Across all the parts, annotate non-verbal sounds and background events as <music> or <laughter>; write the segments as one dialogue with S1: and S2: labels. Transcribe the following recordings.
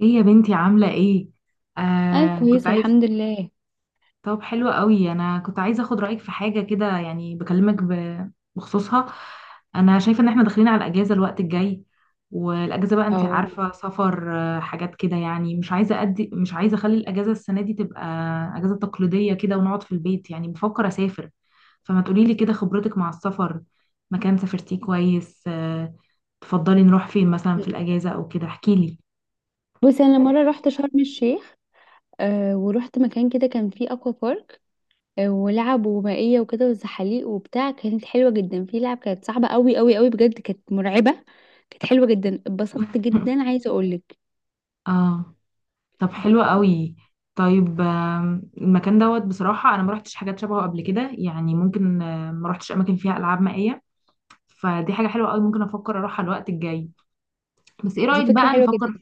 S1: ايه يا بنتي، عاملة ايه؟
S2: انا
S1: آه كنت
S2: كويسه
S1: عايز
S2: الحمد لله.
S1: طب حلو قوي، انا كنت عايزة اخد رأيك في حاجة كده. يعني بكلمك بخصوصها. انا شايفة ان احنا داخلين على الاجازة الوقت الجاي، والاجازة بقى انت
S2: اه.
S1: عارفة سفر، حاجات كده. يعني مش عايزة اخلي الاجازة السنة دي تبقى اجازة تقليدية كده، ونقعد في البيت. يعني بفكر اسافر، فما تقوليلي كده خبرتك مع السفر، مكان سافرتيه كويس. تفضلي نروح فين مثلا في الاجازة او كده؟ احكيلي.
S2: بصي، انا مره رحت شرم الشيخ. ورحت مكان كده كان فيه اكوا بارك. ولعب ومائيه وكده وزحاليق وبتاع، كانت حلوه جدا. في لعب كانت صعبه قوي قوي قوي، بجد كانت مرعبه. كانت حلوه جدا، اتبسطت جدا، عايزه اقولك.
S1: اه، طب حلو قوي. طيب المكان دوت، بصراحة أنا ما رحتش حاجات شبهه قبل كده. يعني ممكن، ما رحتش أماكن فيها ألعاب مائية، فدي حاجة حلوة قوي. ممكن أفكر أروحها الوقت الجاي، بس إيه
S2: دي
S1: رأيك
S2: فكره
S1: بقى
S2: حلوه جدا.
S1: نفكر؟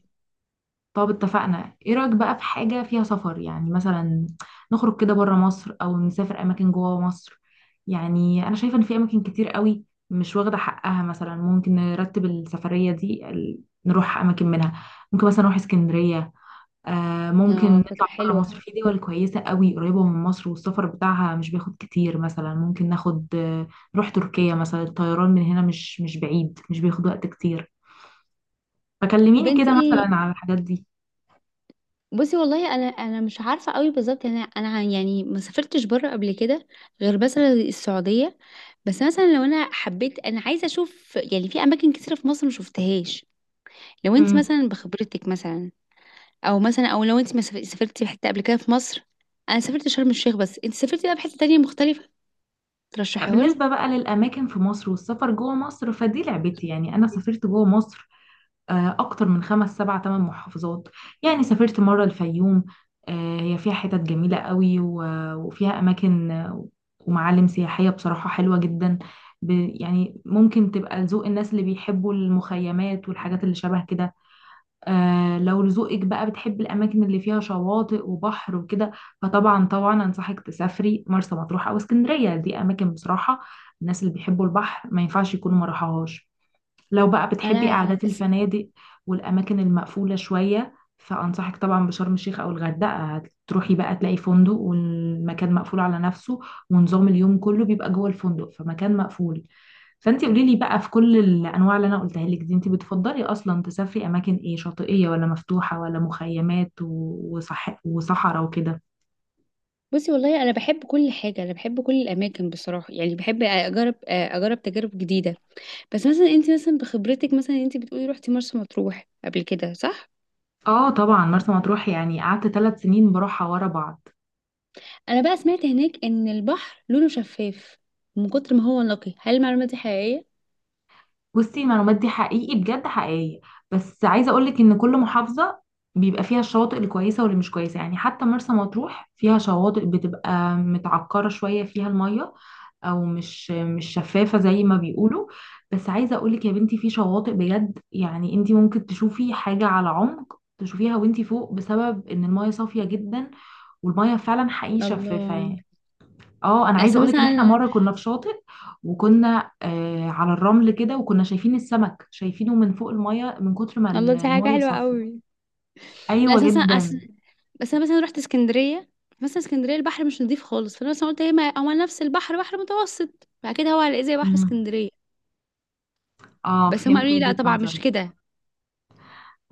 S1: طب اتفقنا. إيه رأيك بقى في حاجة فيها سفر، يعني مثلا نخرج كده بره مصر أو نسافر أماكن جوه مصر؟ يعني أنا شايفة إن في أماكن كتير قوي مش واخدة حقها. مثلا ممكن نرتب السفرية دي نروح أماكن منها. ممكن مثلا نروح اسكندرية. ممكن
S2: اه،
S1: نطلع
S2: فكره
S1: بره
S2: حلوه.
S1: مصر، في دول كويسة قوي قريبة من مصر والسفر بتاعها مش بياخد كتير. مثلا ممكن ناخد نروح تركيا مثلا، الطيران من هنا مش بعيد، مش بياخد وقت كتير.
S2: طب
S1: فكلميني
S2: انت
S1: كده
S2: ايه؟
S1: مثلا على الحاجات دي.
S2: بصي، والله انا مش عارفه قوي بالظبط، انا يعني ما سافرتش بره قبل كده. غير مثلا السعوديه. بس مثلا لو انا حبيت، انا عايزه اشوف يعني في اماكن كتيره في مصر ما شفتهاش. لو انت
S1: امم
S2: مثلا بخبرتك مثلا، او مثلا لو انت ما سافر- سافرتي في حته قبل كده في مصر؟ انا سافرت شرم الشيخ بس، انت سافرتي بقى في حته تانية مختلفه؟
S1: لا،
S2: ترشحيها لي.
S1: بالنسبة بقى للأماكن في مصر والسفر جوه مصر فدي لعبتي. يعني أنا سافرت جوه مصر أكتر من 5 7 8 محافظات. يعني سافرت مرة الفيوم، هي فيها حتت جميلة قوي، وفيها أماكن، ومعالم سياحية بصراحة حلوة جدا. ب- يعني ممكن تبقى لذوق الناس اللي بيحبوا المخيمات والحاجات اللي شبه كده. لو لذوقك بقى بتحب الأماكن اللي فيها شواطئ وبحر وكده، فطبعا طبعا أنصحك تسافري مرسى مطروح أو اسكندرية. دي أماكن بصراحة الناس اللي بيحبوا البحر ما ينفعش يكونوا ما راحوهاش. لو بقى بتحبي
S2: انا
S1: قعدات
S2: س-
S1: الفنادق والأماكن المقفولة شوية، فأنصحك طبعا بشرم الشيخ أو الغردقة. هتروحي بقى تلاقي فندق والمكان مقفول على نفسه، ونظام اليوم كله بيبقى جوه الفندق، فمكان مقفول. فأنت قولي لي بقى في كل الأنواع اللي أنا قلتها لك دي، أنت بتفضلي أصلا تسافري أماكن إيه؟ شاطئية ولا مفتوحة ولا مخيمات وصحراء وكده؟
S2: بصي، والله انا بحب كل حاجه، انا بحب كل الاماكن بصراحه، يعني بحب اجرب تجارب جديده. بس مثلا انت مثلا بخبرتك مثلا، انت بتقولي روحتي مرسى مطروح قبل كده، صح؟
S1: اه طبعا، مرسى مطروح يعني قعدت 3 سنين بروحها ورا بعض.
S2: انا بقى سمعت هناك ان البحر لونه شفاف من كتر ما هو نقي، هل المعلومه دي حقيقيه؟
S1: بصي، المعلومات دي حقيقي، بجد حقيقية. بس عايزة اقولك ان كل محافظة بيبقى فيها الشواطئ الكويسة واللي مش كويسة. يعني حتى مرسى مطروح فيها شواطئ بتبقى متعكرة شوية فيها المية، او مش شفافة زي ما بيقولوا. بس عايزة اقولك يا بنتي، في شواطئ بجد يعني انتي ممكن تشوفي حاجة على عمق تشوفيها وانتي فوق، بسبب ان المية صافية جدا والمية فعلا حقيقي شفافة
S2: الله.
S1: يعني. اه، انا عايزه
S2: اصل
S1: اقولك
S2: مثلا
S1: ان احنا
S2: انا
S1: مره كنا في شاطئ، وكنا على الرمل كده، وكنا شايفين السمك شايفينه من فوق الميه، من كتر ما ال-
S2: الله، دي حاجة
S1: الميه
S2: حلوة
S1: صافيه.
S2: قوي. لا،
S1: ايوه
S2: أساسا
S1: جدا.
S2: أصل. بس أنا مثلا رحت اسكندرية. مثلا اسكندرية البحر مش نضيف خالص، فأنا مثلا قلت هي ما هو نفس البحر، بحر متوسط، فأكيد هو هلاقيه زي بحر
S1: امم
S2: اسكندرية.
S1: اه،
S2: بس هم
S1: فهمت
S2: قالوا لي لا،
S1: وجهه
S2: طبعا مش
S1: نظرك.
S2: كده.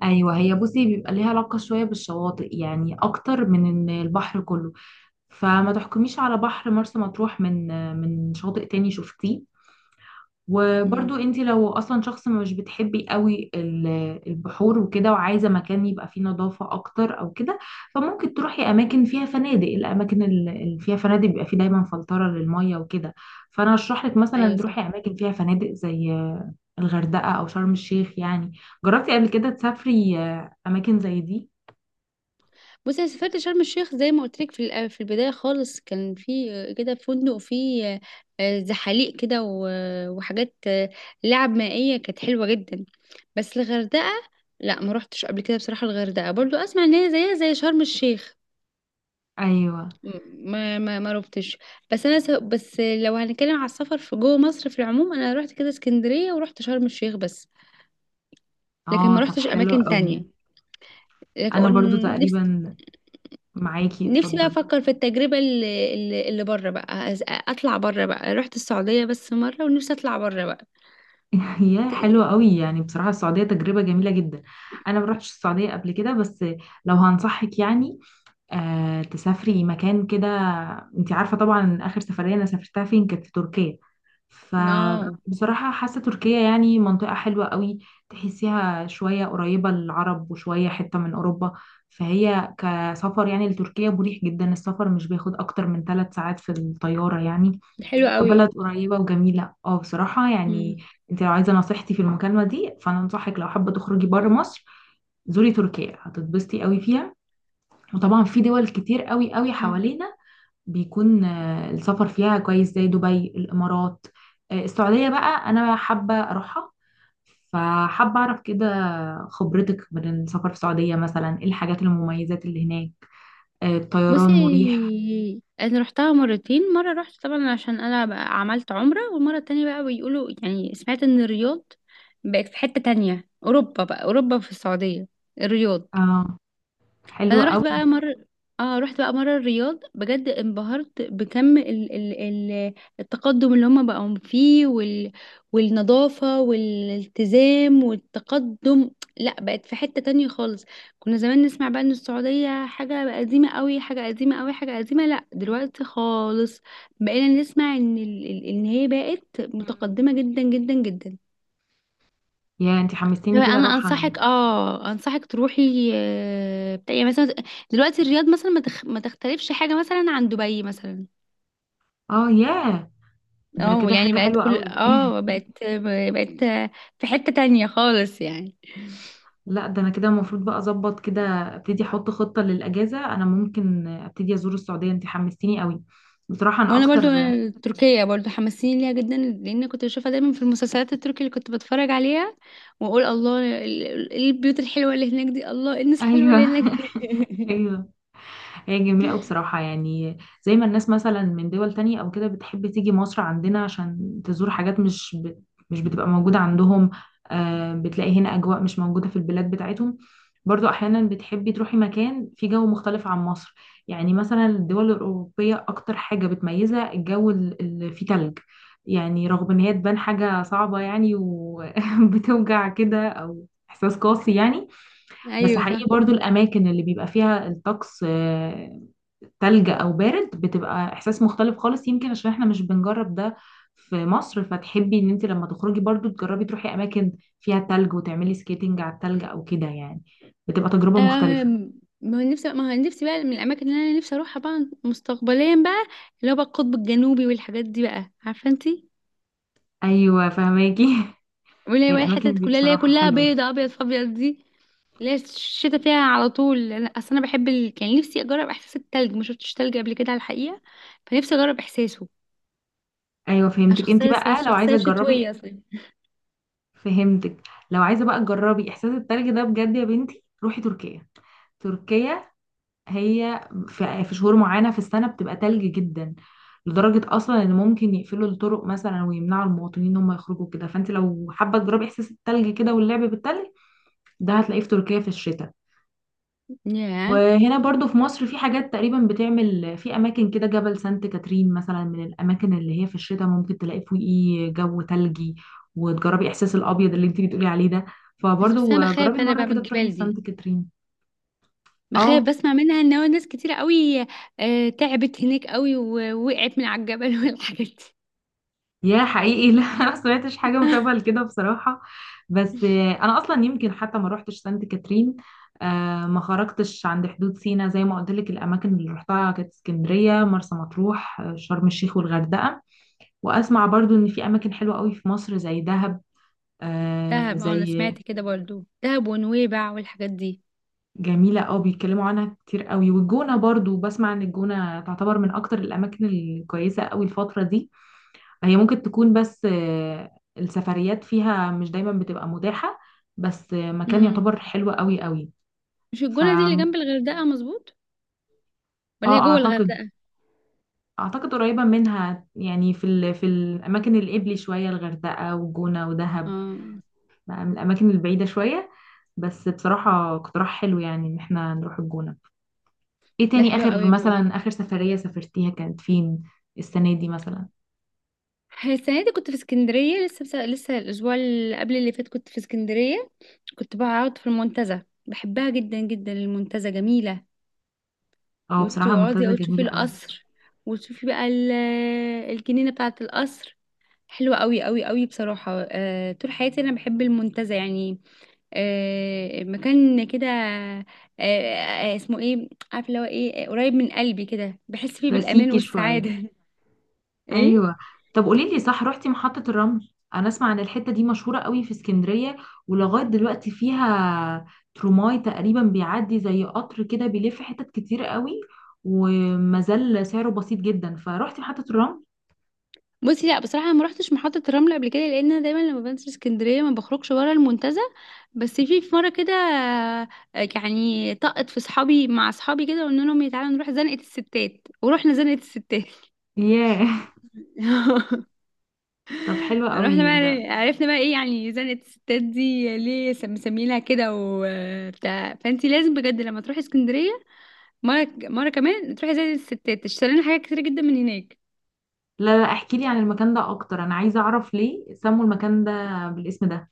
S1: ايوه، هي بصي بيبقى ليها علاقه شويه بالشواطئ يعني، اكتر من ان البحر كله. فما تحكميش على بحر مرسى مطروح من شاطئ تاني شفتيه.
S2: مم.
S1: وبرضو انت لو اصلا شخص مش بتحبي قوي البحور وكده، وعايزه مكان يبقى فيه نظافه اكتر او كده، فممكن تروحي اماكن فيها فنادق. الاماكن اللي فيها فنادق بيبقى فيه دايما فلتره للميه وكده. فانا اشرح لك
S2: أيوة،
S1: مثلا تروحي
S2: صح.
S1: اماكن فيها فنادق زي الغردقه او شرم الشيخ يعني. جربتي قبل كده تسافري اماكن زي دي؟
S2: بصي، انا سافرت شرم الشيخ زي ما قلت لك، في البدايه خالص، كان في كده فندق فيه زحاليق كده وحاجات لعب مائيه كانت حلوه جدا. بس الغردقه، لا ما روحتش قبل كده بصراحه. الغردقه برضو اسمع ان هي زيها زي شرم الشيخ.
S1: ايوه،
S2: ما روحتش. بس لو هنتكلم على السفر في جوه مصر في العموم، انا روحت كده اسكندريه ورحت شرم الشيخ بس. لكن
S1: اه،
S2: ما
S1: طب
S2: روحتش
S1: حلو
S2: اماكن
S1: قوي.
S2: تانية.
S1: انا
S2: لكن
S1: برضو
S2: نفسي.
S1: تقريبا معاكي.
S2: نفسي بقى
S1: اتفضلي.
S2: افكر في التجربه اللي بره بقى، اطلع بره بقى، رحت السعوديه بس مره، ونفسي اطلع بره بقى.
S1: <laughs> يا
S2: ت-
S1: حلوة قوي، يعني بصراحة السعودية تجربة جميلة جدا. أنا ما رحتش السعودية قبل كده. بس لو هنصحك يعني تسافري مكان كده، أنت عارفة طبعا آخر سفرية أنا سافرتها فين؟ كانت في تركيا.
S2: اه،
S1: فبصراحة حاسة تركيا يعني منطقة حلوة قوي. تحسيها شوية قريبة للعرب وشوية حتة من أوروبا. فهي كسفر يعني لتركيا مريح جدا، السفر مش بياخد أكتر من 3 ساعات في الطيارة يعني.
S2: حلوه
S1: في بلد
S2: قوي.
S1: قريبة وجميلة، اه، بصراحة
S2: مم.
S1: يعني. انت لو عايزة نصيحتي في المكالمة دي، فانا انصحك لو حابة تخرجي بره
S2: مم.
S1: مصر زوري تركيا، هتتبسطي قوي فيها. وطبعا في دول كتير قوي قوي
S2: مم.
S1: حوالينا بيكون السفر فيها كويس، زي دبي الامارات. السعودية بقى انا حابة اروحها، فحابة اعرف كده خبرتك من السفر في السعودية، مثلا ايه الحاجات المميزات اللي هناك؟ الطيران مريح؟
S2: بصي، انا رحتها مرتين. مره رحت طبعا عشان انا بقى عملت عمره، والمره التانية بقى، بيقولوا يعني سمعت ان الرياض بقت في حته تانية، اوروبا بقى، اوروبا في السعوديه. الرياض.
S1: اه، حلو
S2: انا رحت
S1: قوي.
S2: بقى مره. اه، رحت بقى مره الرياض بجد انبهرت بكم ال... التقدم اللي هم بقوا فيه والنظافه والالتزام والتقدم. لا، بقت في حته تانية خالص. كنا زمان نسمع بقى ان السعوديه حاجه قديمه قوي، حاجه قديمه قوي، حاجه قديمه. لا، دلوقتي خالص بقينا نسمع ان ان هي بقت
S1: مم.
S2: متقدمه جدا جدا جدا.
S1: يا انت
S2: هو
S1: حمستيني كده
S2: انا
S1: اروح.
S2: انصحك تروحي، بتاع يعني مثلا، دلوقتي الرياض مثلا ما تختلفش حاجه مثلا عن دبي مثلا.
S1: اه، ياه، ده
S2: اه،
S1: كده
S2: يعني
S1: حاجة
S2: بقت
S1: حلوة
S2: كل،
S1: قوي. <laughs>
S2: بقت، بقت في حته تانية خالص يعني.
S1: لا، ده انا كده المفروض بقى اظبط كده، ابتدي احط خطة للاجازة. انا ممكن ابتدي ازور السعودية، انت حمستيني قوي بصراحة. انا
S2: وانا برضو
S1: اكتر.
S2: تركيا برضو حماسين ليها جدا، لان كنت بشوفها دايما في المسلسلات التركي اللي كنت بتفرج عليها، واقول الله، البيوت الحلوه اللي هناك دي، الله الناس الحلوه
S1: ايوه.
S2: اللي هناك دي.
S1: <laughs> ايوه، هي جميلة أوي بصراحة. يعني زي ما الناس مثلا من دول تانية أو كده بتحب تيجي مصر عندنا عشان تزور حاجات مش بتبقى موجودة عندهم، بتلاقي هنا أجواء مش موجودة في البلاد بتاعتهم. برضو أحيانا بتحبي تروحي مكان فيه جو مختلف عن مصر. يعني مثلا الدول الأوروبية أكتر حاجة بتميزها الجو اللي فيه تلج. يعني رغم إن هي تبان حاجة صعبة يعني وبتوجع <laughs> كده، أو إحساس قاسي يعني،
S2: <laughs>
S1: بس
S2: ايوه، صح.
S1: حقيقي برضو الأماكن اللي بيبقى فيها الطقس تلج او بارد بتبقى احساس مختلف خالص. يمكن عشان احنا مش بنجرب ده في مصر، فتحبي ان انت لما تخرجي برضو تجربي تروحي اماكن فيها تلج وتعملي سكيتنج على التلج او كده يعني، بتبقى تجربة مختلفة.
S2: أم، ما هو نفسي بقى من الاماكن اللي انا نفسي اروحها بقى مستقبليا بقى، اللي هو بقى القطب الجنوبي والحاجات دي، بقى عارفه انتي.
S1: ايوه فهماكي.
S2: واللي
S1: <laughs>
S2: هي
S1: هي
S2: بقى
S1: الاماكن
S2: الحتت
S1: دي
S2: كلها اللي هي
S1: بصراحة
S2: كلها
S1: حلوة.
S2: بيضه، ابيض في ابيض دي، اللي هي الشتا فيها على طول. اصل انا بحب كان نفسي اجرب احساس التلج، ما شفتش تلج قبل كده على الحقيقه، فنفسي اجرب احساسه.
S1: ايوه
S2: انا
S1: فهمتك. انت
S2: شخصيه،
S1: بقى لو عايزة
S2: شخصيه
S1: تجربي
S2: شتويه اصلا.
S1: فهمتك، لو عايزة بقى تجربي احساس التلج ده بجد، يا بنتي روحي تركيا. تركيا هي في شهور معينة في السنة بتبقى تلج جدا، لدرجة أصلا إن ممكن يقفلوا الطرق مثلا ويمنعوا المواطنين إن هم يخرجوا كده. فأنت لو حابة تجربي إحساس التلج كده واللعب بالتلج، ده هتلاقيه في تركيا في الشتاء.
S2: ياه.
S1: وهنا برضو في مصر في حاجات تقريبا بتعمل في أماكن كده. جبل سانت كاترين مثلا من الأماكن اللي هي في الشتاء ممكن تلاقي فوقيه جو تلجي، وتجربي إحساس الأبيض اللي أنت بتقولي عليه ده.
S2: بس انا
S1: فبرضو جربي
S2: بخاف انا
S1: مرة
S2: بقى من
S1: كده تروحي
S2: الجبال دي،
S1: سانت كاترين.
S2: بخاف
S1: اه،
S2: بسمع منها ان هو ناس كتيرة قوي، تعبت هناك قوي ووقعت من على الجبل <laughs> والحاجات دي.
S1: يا حقيقي. <laughs> لا، ما سمعتش حاجة مشابهة
S2: <laughs>
S1: لكده بصراحة. بس أنا أصلا يمكن حتى ما روحتش سانت كاترين، ما خرجتش عند حدود سينا. زي ما قلت لك الأماكن اللي روحتها كانت اسكندرية،
S2: مم.
S1: مرسى مطروح، شرم الشيخ والغردقة. وأسمع برضو إن في أماكن حلوة قوي في مصر زي دهب، آه،
S2: دهب، اه، انا
S1: زي
S2: سمعت كده برضو دهب ونويبع والحاجات دي.
S1: جميلة قوي بيتكلموا عنها كتير قوي. والجونة برضو بسمع إن الجونة تعتبر من أكتر الأماكن الكويسة قوي الفترة دي. هي ممكن تكون، بس السفريات فيها مش دايما بتبقى متاحة. بس مكان
S2: امم
S1: يعتبر حلو قوي قوي.
S2: مش
S1: ف
S2: الجونة دي اللي جنب الغردقة، مظبوط؟ ولا هي
S1: اه
S2: جوه
S1: اعتقد
S2: الغردقة؟
S1: اعتقد قريبة منها يعني، في الاماكن القبلي شوية الغردقة وجونة ودهب،
S2: اه،
S1: بقى من الاماكن البعيدة شوية. بس بصراحة اقتراح حلو، يعني ان احنا نروح الجونة. ايه
S2: ده
S1: تاني؟
S2: حلو
S1: اخر
S2: قوي برضو.
S1: مثلا اخر سفرية سافرتيها كانت فين؟ السنة دي مثلا.
S2: السنة دي كنت في اسكندرية لسه، لسه الأسبوع اللي قبل اللي فات كنت في اسكندرية، كنت بقعد في المنتزه، بحبها جدا جدا، المنتزه جميلة.
S1: اه، بصراحة
S2: وتقعدي
S1: المنتزه
S2: أو تشوفي
S1: جميلة قوي.
S2: القصر، وتشوفي بقى الجنينة بتاعة القصر. حلوة قوي قوي قوي بصراحة. طول حياتي أنا بحب المنتزه يعني. مكان كده، اسمه ايه عارفه، اللي هو ايه، قريب من قلبي كده، بحس فيه بالامان
S1: كلاسيكي شوية.
S2: والسعاده. <laughs> ايه؟
S1: ايوه. طب قولي لي صح، رحتي محطة الرمل؟ انا اسمع ان الحتة دي مشهورة قوي في اسكندرية، ولغاية دلوقتي فيها تروماي تقريبا بيعدي زي قطر كده بيلف حتت كتير قوي، وما زال سعره بسيط جدا. فروحتي محطة الرمل؟
S2: بصي، لا، بصراحه انا ما رحتش محطه الرمل قبل كده، لان انا دايما لما بنزل اسكندريه ما بخرجش بره المنتزه. بس في مره كده، يعني طقت في صحابي مع صحابي كده، قلنا لهم تعالوا نروح زنقه الستات، ورحنا زنقه الستات.
S1: ياه.
S2: <laughs>
S1: <laughs> طب حلو
S2: رحنا
S1: قوي ده.
S2: بقى، عرفنا بقى ايه يعني زنقة الستات دي ليه مسميينها كده وبتاع. فانتي لازم بجد لما تروحي اسكندرية مرة مرة كمان، تروحي زي الستات تشتري لنا حاجات كتيرة جدا من هناك.
S1: لا لا، احكي لي عن المكان ده اكتر، انا عايزة اعرف ليه سموا المكان ده بالاسم ده؟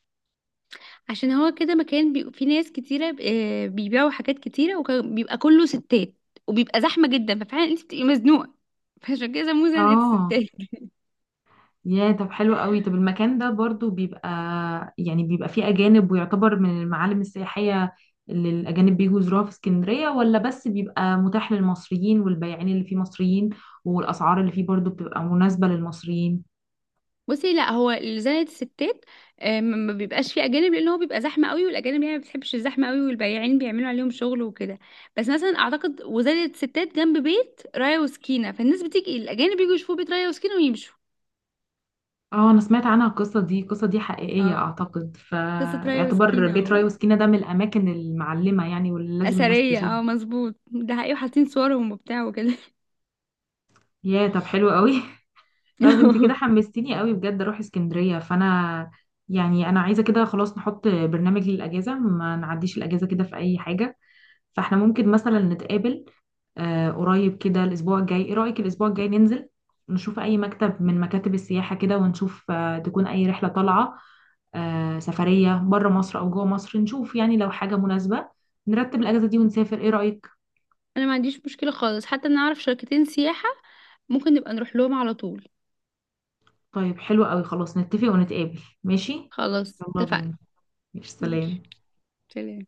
S2: عشان هو كده مكان فيه ناس كتيرة، بيبيعوا حاجات كتيرة وبيبقى كله ستات، وبيبقى زحمة جدا، ففعلا انت بتبقي مزنوقة، فعشان كده سموه زنقة
S1: اه،
S2: الستات.
S1: يا طب حلو قوي. طب المكان ده برضو بيبقى، يعني بيبقى فيه أجانب ويعتبر من المعالم السياحية اللي الأجانب بيجوا يزوروها في اسكندرية، ولا بس بيبقى متاح للمصريين والبياعين اللي فيه مصريين، والأسعار اللي فيه برضو بتبقى مناسبة للمصريين؟
S2: بصي، لا هو زائد الستات، ما بيبقاش فيه اجانب، لان هو بيبقى زحمه قوي، والاجانب يعني ما بتحبش الزحمه قوي، والبياعين بيعملوا عليهم شغل وكده. بس مثلا اعتقد وزائد الستات جنب بيت رايا وسكينه، فالناس بتيجي، الاجانب بيجوا يشوفوا بيت رايا وسكينه ويمشوا.
S1: اه، أنا سمعت عنها القصة دي. القصة دي حقيقية
S2: اه،
S1: أعتقد،
S2: قصه رايا
S1: فيعتبر
S2: وسكينه،
S1: بيت راي
S2: اه،
S1: وسكينة ده من الأماكن المعلمة يعني، واللي لازم الناس
S2: اثريه،
S1: تزورها.
S2: اه مظبوط، ده حقيقي وحاطين صورهم وبتاع وكده.
S1: يا طب حلو قوي. <laughs> طب انت كده
S2: <laughs>
S1: حمستيني قوي بجد اروح اسكندرية. فانا يعني انا عايزة كده خلاص نحط برنامج للاجازة، ما نعديش الاجازة كده في اي حاجة. فاحنا ممكن مثلا نتقابل قريب كده، الاسبوع الجاي. ايه رأيك الاسبوع الجاي ننزل نشوف اي مكتب من مكاتب السياحة كده، ونشوف تكون اي رحلة طالعة سفرية بره مصر او جوه مصر؟ نشوف يعني لو حاجة مناسبة نرتب الاجازة دي ونسافر. ايه رأيك؟
S2: انا ما عنديش مشكله خالص، حتى انا اعرف شركتين سياحه، ممكن نبقى نروح لهم على طول.
S1: طيب حلو قوي، خلاص نتفق ونتقابل، ماشي؟
S2: خلاص
S1: يلا
S2: اتفقنا.
S1: بينا. ماشي
S2: ماشي،
S1: سلام.
S2: سلام.